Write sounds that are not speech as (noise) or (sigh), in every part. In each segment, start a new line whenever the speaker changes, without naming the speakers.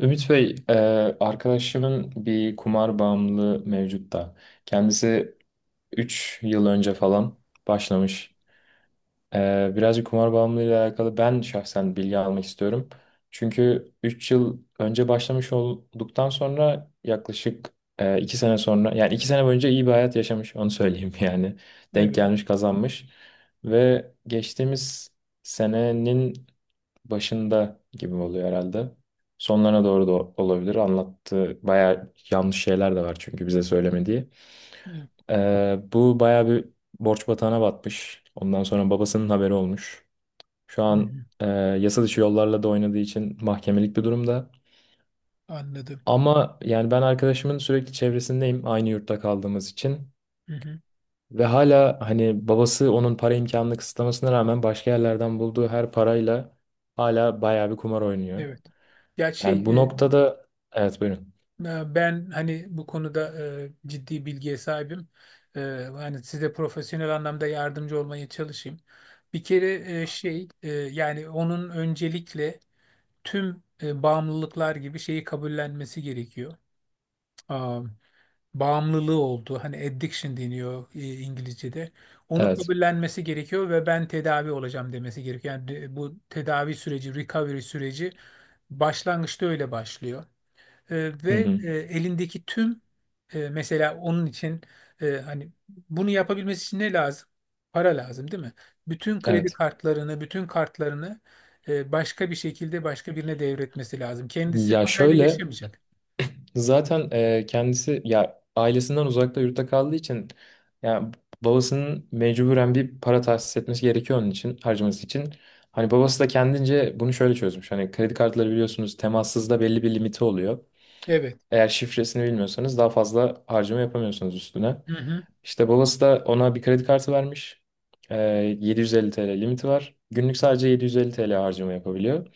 Ümit Bey, arkadaşımın bir kumar bağımlılığı mevcut da. Kendisi 3 yıl önce falan başlamış. Birazcık kumar bağımlılığıyla alakalı ben şahsen bilgi almak istiyorum. Çünkü 3 yıl önce başlamış olduktan sonra yaklaşık 2 sene sonra, yani 2 sene boyunca iyi bir hayat yaşamış, onu söyleyeyim (laughs) yani. Denk
Evet.
gelmiş, kazanmış. Ve geçtiğimiz senenin başında gibi oluyor herhalde. Sonlarına doğru da olabilir. Anlattığı bayağı yanlış şeyler de var çünkü bize söylemediği.
Evet.
Bu bayağı bir borç batağına batmış. Ondan sonra babasının haberi olmuş. Şu
Hı
an
hı.
yasa dışı yollarla da oynadığı için mahkemelik bir durumda.
Anladım.
Ama yani ben arkadaşımın sürekli çevresindeyim aynı yurtta kaldığımız için.
Hı hı.
Ve hala hani babası onun para imkanını kısıtlamasına rağmen başka yerlerden bulduğu her parayla hala bayağı bir kumar oynuyor.
Evet. Ya
Yani bu noktada evet, buyurun.
ben hani bu konuda ciddi bilgiye sahibim. E, hani size profesyonel anlamda yardımcı olmaya çalışayım. Bir kere yani onun öncelikle tüm bağımlılıklar gibi şeyi kabullenmesi gerekiyor. Bağımlılığı oldu. Hani addiction deniyor, İngilizce'de. Onu
Evet.
kabullenmesi gerekiyor ve ben tedavi olacağım demesi gerekiyor. Yani bu tedavi süreci, recovery süreci başlangıçta öyle başlıyor. E,
Hı
ve
hı.
e, elindeki tüm e, Mesela onun için, hani bunu yapabilmesi için ne lazım? Para lazım, değil mi? Bütün kredi
Evet.
kartlarını, bütün kartlarını başka bir şekilde başka birine devretmesi lazım. Kendisi
Ya
parayla
şöyle,
yaşamayacak.
zaten kendisi ya ailesinden uzakta yurtta kaldığı için ya babasının mecburen bir para tahsis etmesi gerekiyor onun için harcaması için. Hani babası da kendince bunu şöyle çözmüş. Hani kredi kartları biliyorsunuz temassızda belli bir limiti oluyor.
Evet.
Eğer şifresini bilmiyorsanız daha fazla harcama yapamıyorsunuz üstüne.
Hı hı,
İşte babası da ona bir kredi kartı vermiş. Ee, 750 TL limiti var. Günlük sadece 750 TL harcama yapabiliyor.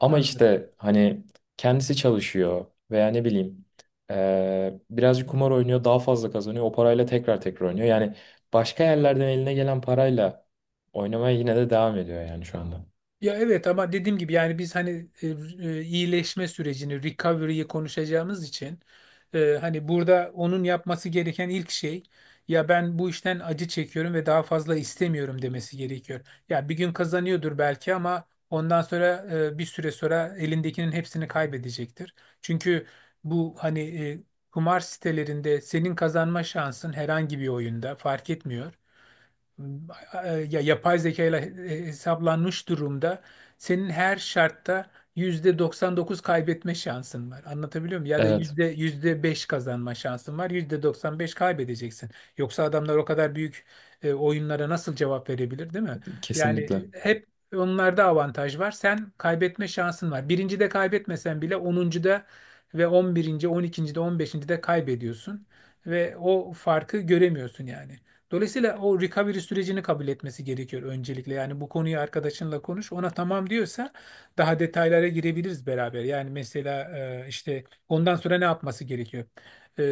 Ama
anladım.
işte hani kendisi çalışıyor veya ne bileyim birazcık kumar oynuyor daha fazla kazanıyor. O parayla tekrar tekrar oynuyor. Yani başka yerlerden eline gelen parayla oynamaya yine de devam ediyor yani şu anda.
Ya evet, ama dediğim gibi yani biz hani iyileşme sürecini, recovery'yi konuşacağımız için hani burada onun yapması gereken ilk şey, ya ben bu işten acı çekiyorum ve daha fazla istemiyorum demesi gerekiyor. Ya bir gün kazanıyordur belki, ama ondan sonra bir süre sonra elindekinin hepsini kaybedecektir. Çünkü bu hani kumar sitelerinde senin kazanma şansın herhangi bir oyunda fark etmiyor, ya yapay zeka ile hesaplanmış durumda, senin her şartta %99 kaybetme şansın var. Anlatabiliyor muyum? Ya da
Evet,
yüzde 5 kazanma şansın var. %95 kaybedeceksin. Yoksa adamlar o kadar büyük oyunlara nasıl cevap verebilir, değil mi? Yani
kesinlikle.
hep onlarda avantaj var. Sen, kaybetme şansın var. Birinci de kaybetmesen bile onuncu da ve on birinci, on ikinci de, on beşinci de kaybediyorsun ve o farkı göremiyorsun yani. Dolayısıyla o recovery sürecini kabul etmesi gerekiyor öncelikle. Yani bu konuyu arkadaşınla konuş. Ona tamam diyorsa daha detaylara girebiliriz beraber. Yani mesela işte ondan sonra ne yapması gerekiyor? E,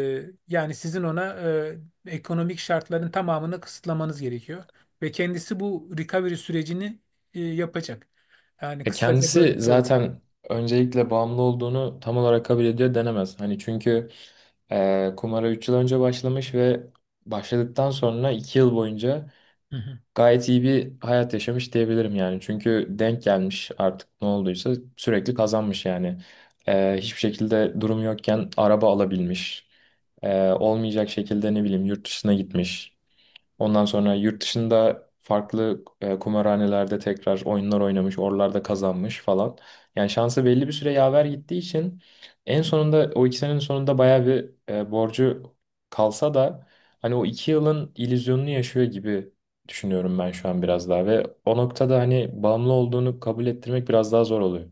yani sizin ona ekonomik şartların tamamını kısıtlamanız gerekiyor. Ve kendisi bu recovery sürecini yapacak. Yani kısaca
Kendisi
böyle söyleyeyim.
zaten öncelikle bağımlı olduğunu tam olarak kabul ediyor denemez. Hani çünkü kumara 3 yıl önce başlamış ve başladıktan sonra 2 yıl boyunca
Hı hı.
gayet iyi bir hayat yaşamış diyebilirim yani. Çünkü denk gelmiş artık ne olduysa sürekli kazanmış yani. Hiçbir şekilde durum yokken araba alabilmiş. Olmayacak şekilde ne bileyim yurt dışına gitmiş. Ondan sonra yurt dışında farklı kumarhanelerde tekrar oyunlar oynamış, oralarda kazanmış falan. Yani şansı belli bir süre yaver gittiği için en sonunda o 2 senenin sonunda bayağı bir borcu kalsa da hani o 2 yılın illüzyonunu yaşıyor gibi düşünüyorum ben şu an biraz daha, ve o noktada hani bağımlı olduğunu kabul ettirmek biraz daha zor oluyor.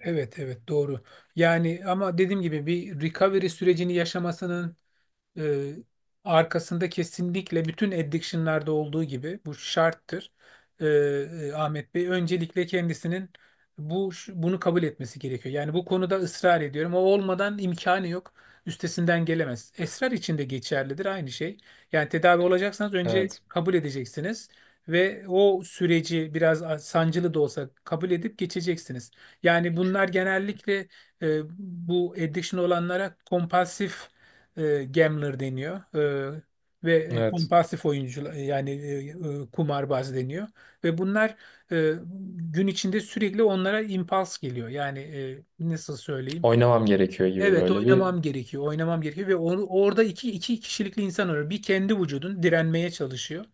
Evet, evet, doğru. Yani ama dediğim gibi bir recovery sürecini yaşamasının e, arkasında, kesinlikle bütün addiction'larda olduğu gibi, bu şarttır. Ahmet Bey, öncelikle kendisinin bu bunu kabul etmesi gerekiyor. Yani bu konuda ısrar ediyorum. O olmadan imkanı yok. Üstesinden gelemez. Esrar için de geçerlidir aynı şey. Yani tedavi olacaksanız önce
Evet,
kabul edeceksiniz ve o süreci biraz sancılı da olsa kabul edip geçeceksiniz. Yani bunlar, genellikle bu addiction olanlara kompulsif gambler deniyor, e, ve
evet.
kompulsif oyuncular, yani kumarbaz deniyor, ve bunlar e, gün içinde sürekli onlara impuls geliyor. Yani nasıl söyleyeyim?
Oynamam gerekiyor gibi
Evet,
böyle bir.
oynamam gerekiyor. Oynamam gerekiyor ve onu, orada iki kişilikli insan var. Bir, kendi vücudun direnmeye çalışıyor.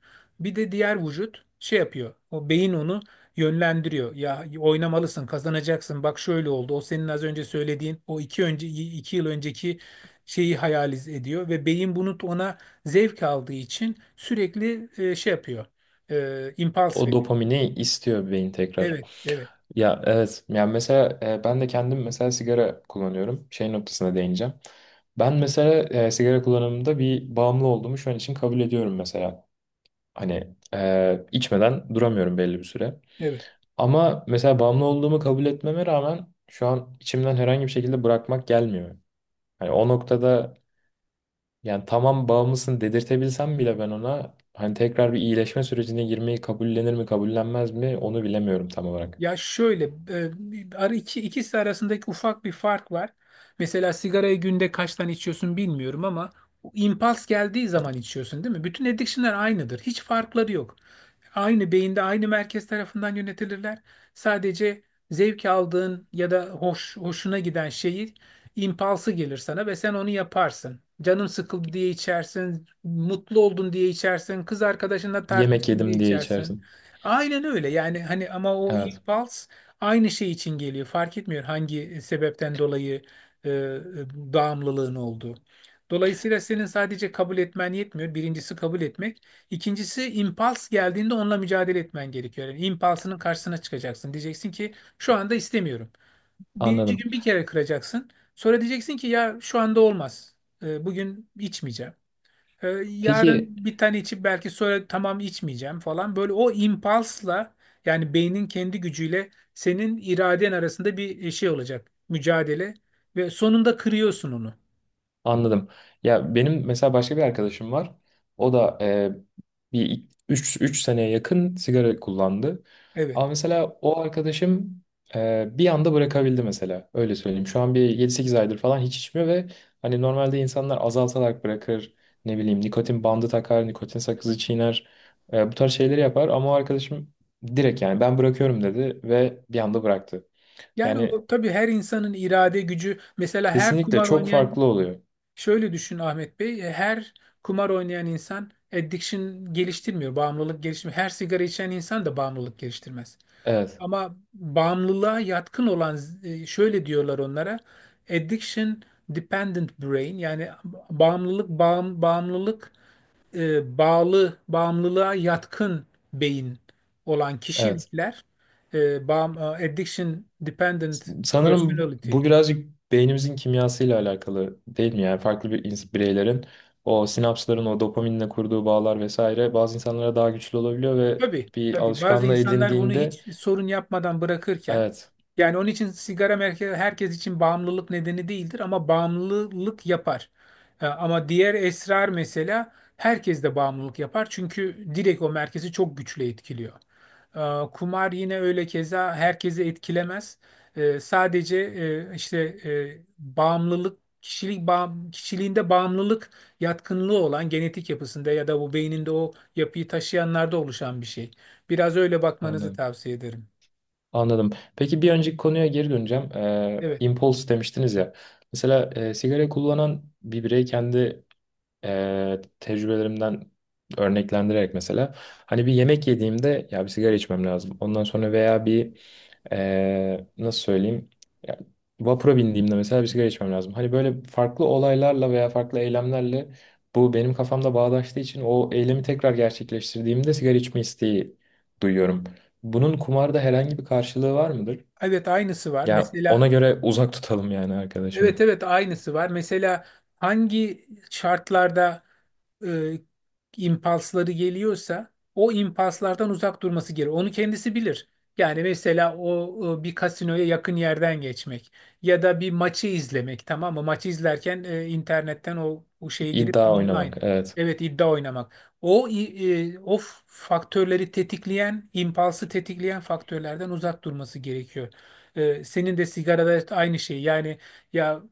Bir de diğer vücut şey yapıyor. O beyin onu yönlendiriyor. Ya oynamalısın, kazanacaksın. Bak şöyle oldu. O senin az önce söylediğin o iki yıl önceki şeyi hayal ediyor ve beyin, bunu ona zevk aldığı için sürekli şey yapıyor. Impulse
O
veriyor.
dopamini istiyor beyin tekrar.
Evet, evet,
Ya evet. Yani mesela ben de kendim mesela sigara kullanıyorum. Şey noktasına değineceğim. Ben mesela sigara kullanımında bir bağımlı olduğumu şu an için kabul ediyorum mesela. Hani içmeden duramıyorum belli bir süre.
evet.
Ama mesela bağımlı olduğumu kabul etmeme rağmen şu an içimden herhangi bir şekilde bırakmak gelmiyor. Hani o noktada yani tamam bağımlısın dedirtebilsem bile ben ona hani tekrar bir iyileşme sürecine girmeyi kabullenir mi kabullenmez mi onu bilemiyorum tam olarak.
Ya şöyle, ikisi arasındaki ufak bir fark var. Mesela sigarayı günde kaç tane içiyorsun bilmiyorum, ama o impuls geldiği zaman içiyorsun değil mi? Bütün addiction'lar aynıdır. Hiç farkları yok. Aynı beyinde, aynı merkez tarafından yönetilirler. Sadece zevk aldığın ya da hoşuna giden şeyi, impulsu gelir sana ve sen onu yaparsın. Canın sıkıldı diye içersin, mutlu oldun diye içersin, kız arkadaşınla
Yemek
tartıştın diye
yedim diye
içersin.
içersin.
Aynen öyle, yani hani ama o
Evet.
impuls aynı şey için geliyor. Fark etmiyor hangi sebepten dolayı bağımlılığın olduğu. Dolayısıyla senin sadece kabul etmen yetmiyor. Birincisi, kabul etmek. İkincisi, impuls geldiğinde onunla mücadele etmen gerekiyor. Yani impulsının karşısına çıkacaksın. Diyeceksin ki şu anda istemiyorum. Birinci
Anladım.
gün bir kere kıracaksın. Sonra diyeceksin ki ya şu anda olmaz. Bugün içmeyeceğim.
Peki,
Yarın bir tane içip, belki sonra tamam içmeyeceğim falan. Böyle o impulsla, yani beynin kendi gücüyle senin iraden arasında bir şey olacak. Mücadele, ve sonunda kırıyorsun onu.
anladım. Ya benim mesela başka bir arkadaşım var. O da bir üç seneye yakın sigara kullandı.
Evet.
Ama mesela o arkadaşım bir anda bırakabildi mesela. Öyle söyleyeyim. Şu an bir 7-8 aydır falan hiç içmiyor ve hani normalde insanlar azaltarak bırakır. Ne bileyim nikotin bandı takar, nikotin sakızı çiğner. Bu tarz şeyleri yapar ama o arkadaşım direkt yani ben bırakıyorum dedi ve bir anda bıraktı.
Yani
Yani
o, tabii her insanın irade gücü, mesela her
kesinlikle
kumar
çok
oynayan
farklı oluyor.
şöyle düşün Ahmet Bey, her kumar oynayan insan addiction geliştirmiyor, bağımlılık geliştirmiyor. Her sigara içen insan da bağımlılık geliştirmez.
Evet.
Ama bağımlılığa yatkın olan, şöyle diyorlar onlara, addiction dependent brain, yani bağımlılık e, bağlı bağımlılığa yatkın beyin olan
Evet.
kişilikler, addiction dependent
Sanırım
personality.
bu birazcık beynimizin kimyasıyla alakalı değil mi? Yani farklı bir bireylerin o sinapsların o dopaminle kurduğu bağlar vesaire bazı insanlara daha güçlü olabiliyor ve
Tabii,
bir
tabii. Bazı
alışkanlığı
insanlar bunu
edindiğinde
hiç sorun yapmadan bırakırken,
evet,
yani onun için sigara herkes için bağımlılık nedeni değildir, ama bağımlılık yapar. Ama diğer, esrar mesela, herkes de bağımlılık yapar çünkü direkt o merkezi çok güçlü etkiliyor. Kumar yine öyle, keza herkesi etkilemez. Sadece işte kişiliğinde bağımlılık yatkınlığı olan, genetik yapısında ya da bu beyninde o yapıyı taşıyanlarda oluşan bir şey. Biraz öyle bakmanızı
anladım.
tavsiye ederim.
Anladım. Peki, bir önceki konuya geri döneceğim.
Evet.
Impulse demiştiniz ya. Mesela sigara kullanan bir birey kendi tecrübelerimden örneklendirerek mesela hani bir yemek yediğimde ya bir sigara içmem lazım. Ondan sonra veya bir nasıl söyleyeyim ya, vapura bindiğimde mesela bir sigara içmem lazım. Hani böyle farklı olaylarla veya farklı eylemlerle bu benim kafamda bağdaştığı için o eylemi tekrar gerçekleştirdiğimde sigara içme isteği duyuyorum. Bunun kumarda herhangi bir karşılığı var mıdır?
Evet, aynısı var.
Yani ona
Mesela.
göre uzak tutalım yani
Evet
arkadaşımı.
evet aynısı var. Mesela hangi şartlarda e, impulsları geliyorsa o impulslardan uzak durması gerekir. Onu kendisi bilir. Yani mesela o bir kasinoya yakın yerden geçmek, ya da bir maçı izlemek, tamam mı? Maçı izlerken internetten o şeye girip
İddia
online,
oynamak. Evet.
evet, iddia oynamak. O faktörleri tetikleyen, impulsu tetikleyen faktörlerden uzak durması gerekiyor. Senin de sigarada aynı şey. Yani, ya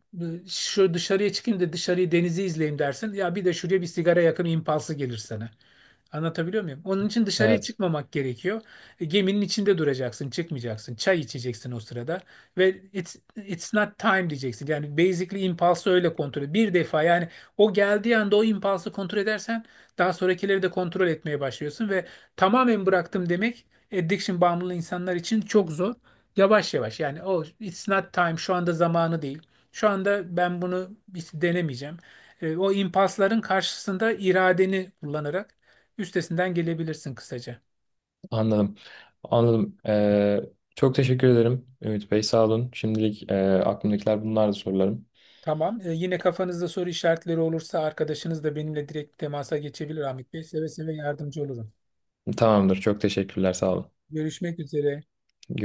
şu dışarıya çıkayım da dışarıyı, denizi izleyeyim dersin. Ya bir de şuraya bir sigara yakın impulsu gelir sana. Anlatabiliyor muyum? Onun için dışarıya
Evet.
çıkmamak gerekiyor. Geminin içinde duracaksın, çıkmayacaksın. Çay içeceksin o sırada ve it's not time diyeceksin. Yani basically impulsu öyle kontrol et. Bir defa yani o geldiği anda o impulsu kontrol edersen, daha sonrakileri de kontrol etmeye başlıyorsun ve tamamen bıraktım demek addiction bağımlı insanlar için çok zor. Yavaş yavaş, yani o it's not time, şu anda zamanı değil. Şu anda ben bunu hiç denemeyeceğim. O impasların karşısında iradeni kullanarak üstesinden gelebilirsin kısaca.
Anladım. Anladım. Çok teşekkür ederim Ümit Bey. Sağ olun. Şimdilik aklımdakiler bunlardı sorularım.
Tamam. Yine kafanızda soru işaretleri olursa arkadaşınız da benimle direkt temasa geçebilir Ahmet Bey. Seve seve yardımcı olurum.
Tamamdır. Çok teşekkürler. Sağ olun.
Görüşmek üzere.